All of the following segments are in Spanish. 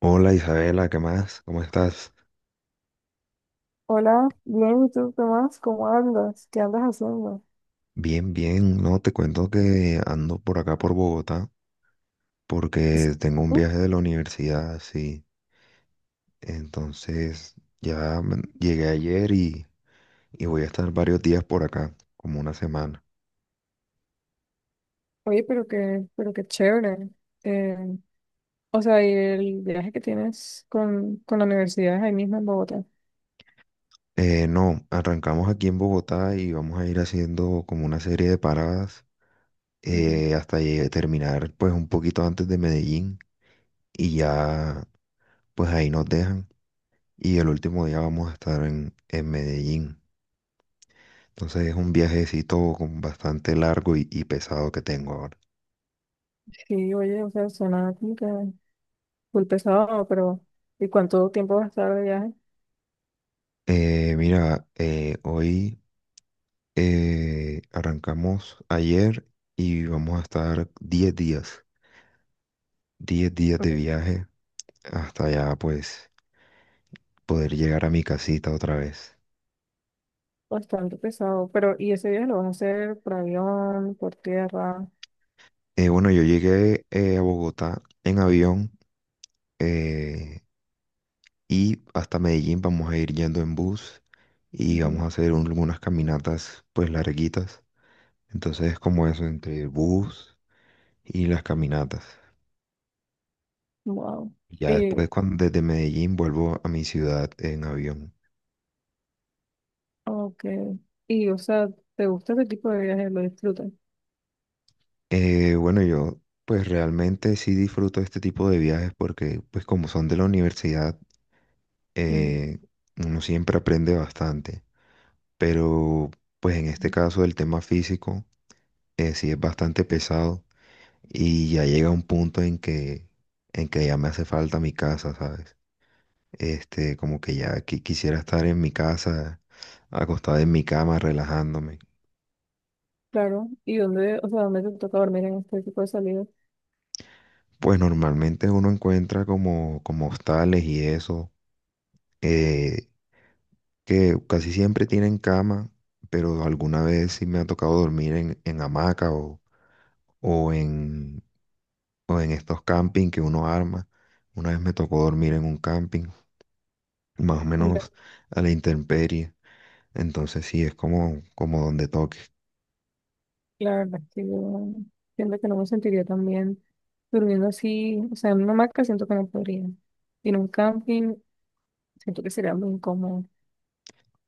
Hola Isabela, ¿qué más? ¿Cómo estás? Hola, bien, ¿y tú qué más? ¿Cómo andas? ¿Qué andas haciendo? Bien, bien. No, te cuento que ando por acá por Bogotá porque tengo un Uh, viaje de la universidad, sí. Entonces ya llegué ayer y voy a estar varios días por acá, como una semana. Oye, pero qué chévere. Eh, o sea, y el viaje que tienes con la universidad es ahí mismo en Bogotá. No, arrancamos aquí en Bogotá y vamos a ir haciendo como una serie de paradas Ujú. Hasta terminar pues un poquito antes de Medellín y ya pues ahí nos dejan. Y el último día vamos a estar en Medellín. Entonces es un viajecito con bastante largo y pesado que tengo ahora. Sí, oye, o sea, suena como que full pesado, pero ¿y cuánto tiempo vas a estar de viaje? Mira, hoy arrancamos ayer y vamos a estar 10 días, 10 días de viaje hasta ya pues poder llegar a mi casita otra vez. Bastante pesado, pero ¿y ese viaje lo vas a hacer por avión, por tierra? Bueno, yo llegué a Bogotá en avión eh, y hasta Medellín vamos a ir yendo en bus y vamos Ujú. a hacer unas caminatas pues larguitas. Entonces como eso entre bus y las caminatas. Wow. Ya Y, después, cuando desde Medellín vuelvo a mi ciudad en avión. ok. Y, o sea, ¿te gusta ese tipo de viajes? ¿Lo disfrutas? Bueno, yo pues realmente sí disfruto este tipo de viajes porque pues como son de la universidad, Ujú. eh, uno siempre aprende bastante. Pero pues en este caso el tema físico sí es bastante pesado y ya llega un punto en que ya me hace falta mi casa, ¿sabes? Este, como que ya quisiera estar en mi casa, acostado en mi cama, relajándome. Claro, ¿y dónde, o sea, dónde te toca dormir en este tipo de salidas? Pues normalmente uno encuentra como, como hostales y eso, eh, que casi siempre tienen cama, pero alguna vez sí me ha tocado dormir en hamaca o en, o en estos camping que uno arma. Una vez me tocó dormir en un camping, más o Mira, menos a la intemperie, entonces sí, es como, como donde toque. la verdad es que yo siento que no me sentiría tan bien durmiendo así, o sea, en una hamaca siento que no podría. Y en un camping siento que sería muy incómodo.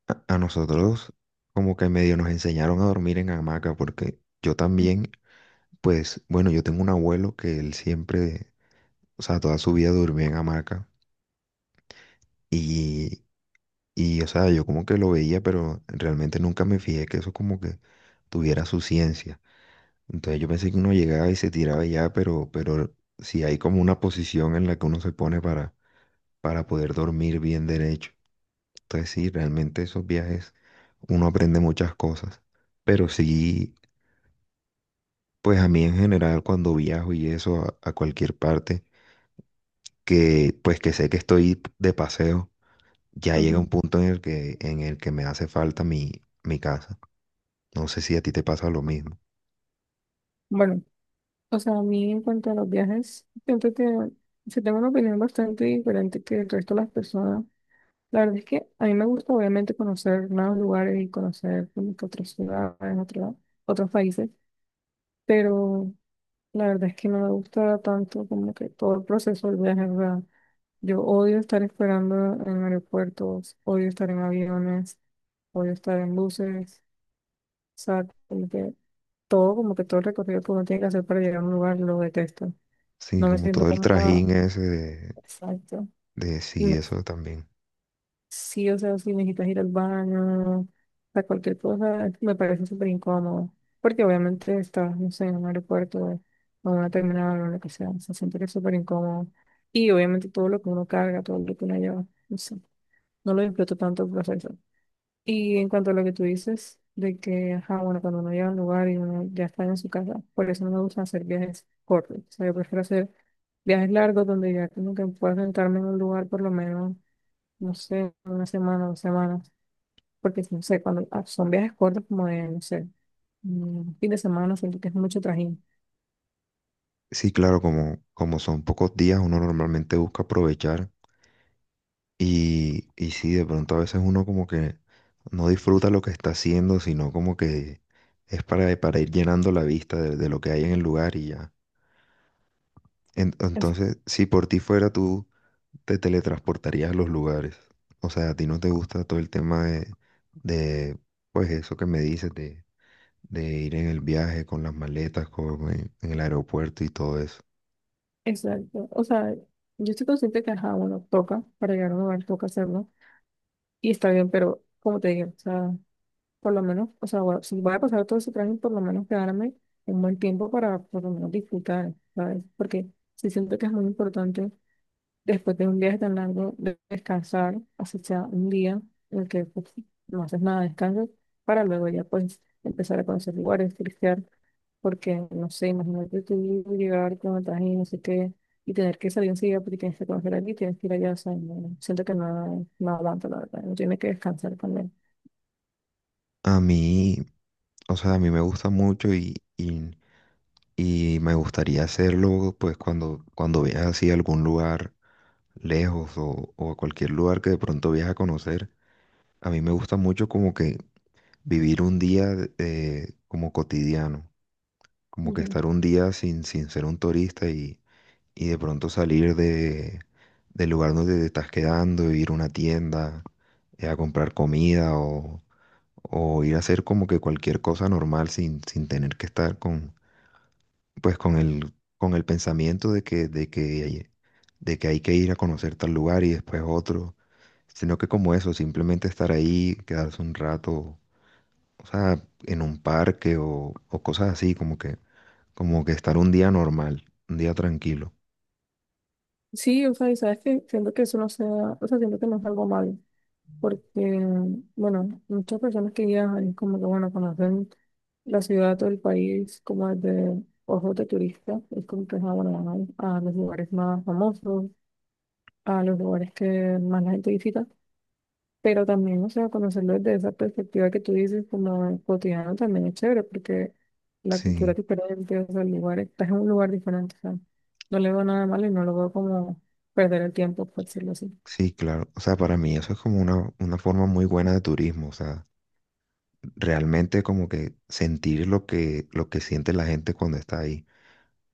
A nosotros como que medio nos enseñaron a dormir en hamaca porque yo también... Pues bueno, yo tengo un abuelo que él siempre o sea, toda su vida durmió en hamaca y, y, o sea, yo como que lo veía, pero realmente nunca me fijé que eso como que tuviera su ciencia. Entonces yo pensé que uno llegaba y se tiraba y ya, pero sí hay como una posición en la que uno se pone para poder dormir bien derecho. Entonces sí, realmente esos viajes uno aprende muchas cosas, pero sí, pues a mí en general cuando viajo y eso a cualquier parte, que pues que sé que estoy de paseo ya llega Ujú. un punto en el que me hace falta mi casa. No sé si a ti te pasa lo mismo. Bueno, o sea, a mí en cuanto a los viajes, siento que se tengo una opinión bastante diferente que el resto de las personas. La verdad es que a mí me gusta obviamente conocer nuevos lugares y conocer como que otras ciudades, otros países, pero la verdad es que no me gusta tanto como que todo el proceso del viaje, o sea, yo odio estar esperando en aeropuertos, odio estar en aviones, odio estar en buses, o sea, como que todo el recorrido que uno tiene que hacer para llegar a un lugar lo detesto. Sí, No me como siento todo el cómoda, trajín ese exacto. de Y sí, no- eso también. Sí, o sea, si necesitas ir al baño, a cualquier cosa, me parece súper incómodo. Porque obviamente estás, no sé, en un aeropuerto o en una terminal o lo que sea. O sea, siento que es súper incómodo. Y obviamente todo lo que uno carga, todo lo que uno lleva, no sé, no lo disfruto tanto el proceso. Y en cuanto a lo que tú dices, de que, ajá, bueno, cuando uno llega a un lugar y uno ya está en su casa, por eso no me gusta hacer viajes cortos. O sea, yo prefiero hacer viajes largos donde ya como que pueda sentarme en un lugar por lo menos, no sé, una semana, dos semanas porque no sé, cuando son viajes cortos como de, no sé, un fin de semana, siento que es mucho trajín. Sí, claro, como, como son pocos días, uno normalmente busca aprovechar y sí, de pronto a veces uno como que no disfruta lo que está haciendo, sino como que es para ir llenando la vista de lo que hay en el lugar y ya. En- Es- entonces, si por ti fuera tú te teletransportarías a los lugares. O sea, a ti no te gusta todo el tema de pues eso que me dices, de ir en el viaje con las maletas, en el aeropuerto y todo eso. exacto. O sea, yo estoy consciente que, ajá, bueno, toca, para llegar a un lugar toca hacerlo, y está bien, pero como te digo, o sea, por lo menos, o sea, bueno, si voy a pasar todo ese trajín, por lo menos quedarme un buen tiempo para por lo menos disfrutar, ¿sabes? Porque sí siento que es muy importante después de un viaje tan largo, de descansar, así sea un día en el que pues, no haces nada, descansas, para luego ya pues empezar a conocer lugares, turistear, porque no sé, imagínate tú llegar con el traje y no sé qué, y tener que salir enseguida porque tienes que conocer aquí, tienes que ir allá, o sea, siento que no, no aguanto, la verdad, uno tiene que descansar también. A mí, o sea, a mí me gusta mucho y me gustaría hacerlo pues cuando viajes así a algún lugar lejos o a cualquier lugar que de pronto viajes a conocer. A mí me gusta mucho como que vivir un día como cotidiano. Como que Ujú. estar un día sin ser un turista y de pronto salir del lugar donde te estás quedando, ir a una tienda, a comprar comida o ir a hacer como que cualquier cosa normal sin tener que estar pues con el pensamiento de que hay que ir a conocer tal lugar y después otro, sino que como eso, simplemente estar ahí, quedarse un rato, o sea, en un parque o cosas así, como que estar un día normal, un día tranquilo. Sí, o sea, y sabes que siento que eso no sea, o sea, siento que no es algo malo. Porque, bueno, muchas personas que viajan es como que, bueno, conocen la ciudad o el país como desde ojos de turista, es como que, ah, bueno, van a los lugares más famosos, a los lugares que más la gente visita, pero también, o sea, conocerlo desde esa perspectiva que tú dices como cotidiano también es chévere, porque la cultura es Sí, diferente, o sea, el lugar, estás en un lugar diferente, o sea, no le veo nada malo y no lo veo como perder el tiempo, por decirlo así. sí, claro. O sea, para mí eso es como una forma muy buena de turismo. O sea, realmente como que sentir lo que siente la gente cuando está ahí.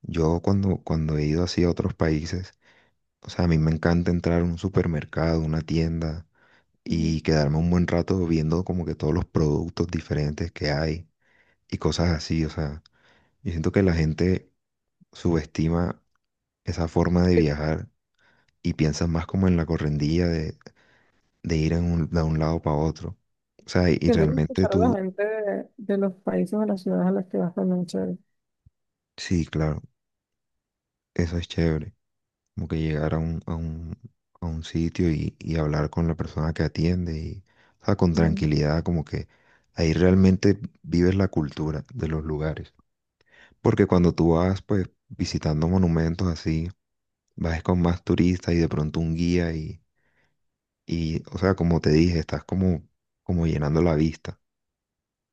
Yo cuando he ido así a otros países, o sea, a mí me encanta entrar a un supermercado, una tienda Ujú. y quedarme un buen rato viendo como que todos los productos diferentes que hay y cosas así. O sea, yo siento que la gente subestima esa forma de viajar y piensas más como en la correndilla de ir en de un lado para otro. O sea, y Siento que realmente escuchar a la tú, gente de los países o las ciudades a las que vas también es chévere. sí, claro, eso es chévere, como que llegar a un sitio y hablar con la persona que atiende y, o sea, con Ujú. tranquilidad, como que ahí realmente vives la cultura de los lugares. Porque cuando tú vas, pues, visitando monumentos así, vas con más turistas y de pronto un guía y, o sea, como te dije, estás como llenando la vista.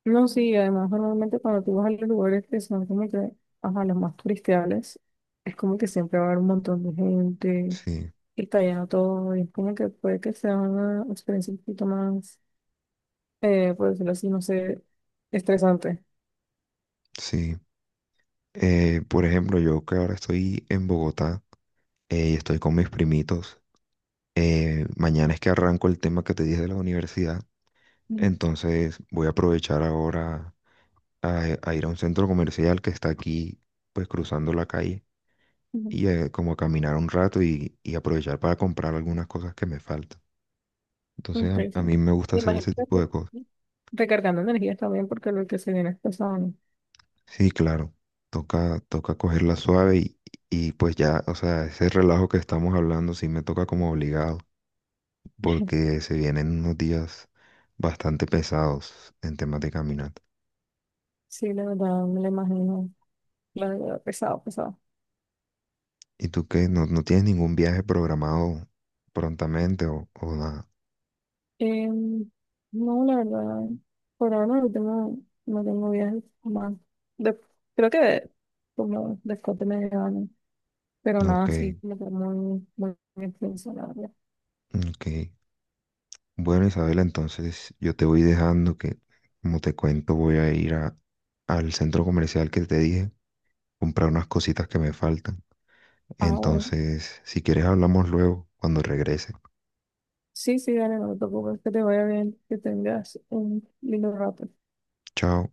No, sí, además normalmente cuando tú vas a los lugares que son como que, ajá, los más turistiales, es como que siempre va a haber un montón de gente Sí, y está lleno todo y es como que puede que sea una experiencia un poquito más, por decirlo así, no sé, estresante. sí. Por ejemplo, yo que ahora estoy en Bogotá y estoy con mis primitos, mañana es que arranco el tema que te dije de la universidad, Ujú, entonces voy a aprovechar ahora a ir a un centro comercial que está aquí, pues cruzando la calle, ujú. y como a caminar un rato y aprovechar para comprar algunas cosas que me faltan. Entonces a mí Interesante. me gusta Me hacer imagino ese que tipo de cosas. recargando energías también porque lo que se viene es pesado, ¿no? Sí, claro, toca, toca cogerla suave y pues ya, o sea, ese relajo que estamos hablando sí me toca como obligado. Porque se vienen unos días bastante pesados en temas de caminata. Sí, la verdad, me lo imagino. La verdad, pesado, pesado. ¿Y tú qué? ¿No, no tienes ningún viaje programado prontamente o nada? Em, no, la verdad, por ahora no tengo, no tengo viajes más. De- Creo que como después de medio año, pero No, ok, nada, sí, como que muy, muy extenso, la verdad. ok. Bueno, Isabela, entonces yo te voy dejando que, como te cuento, voy a ir al centro comercial que te dije, comprar unas cositas que me faltan. Ahora, Entonces, si quieres, hablamos luego cuando regrese. sí, sí, dale, no te preocupes, que te vaya bien, que tengas un lindo rato. Chao.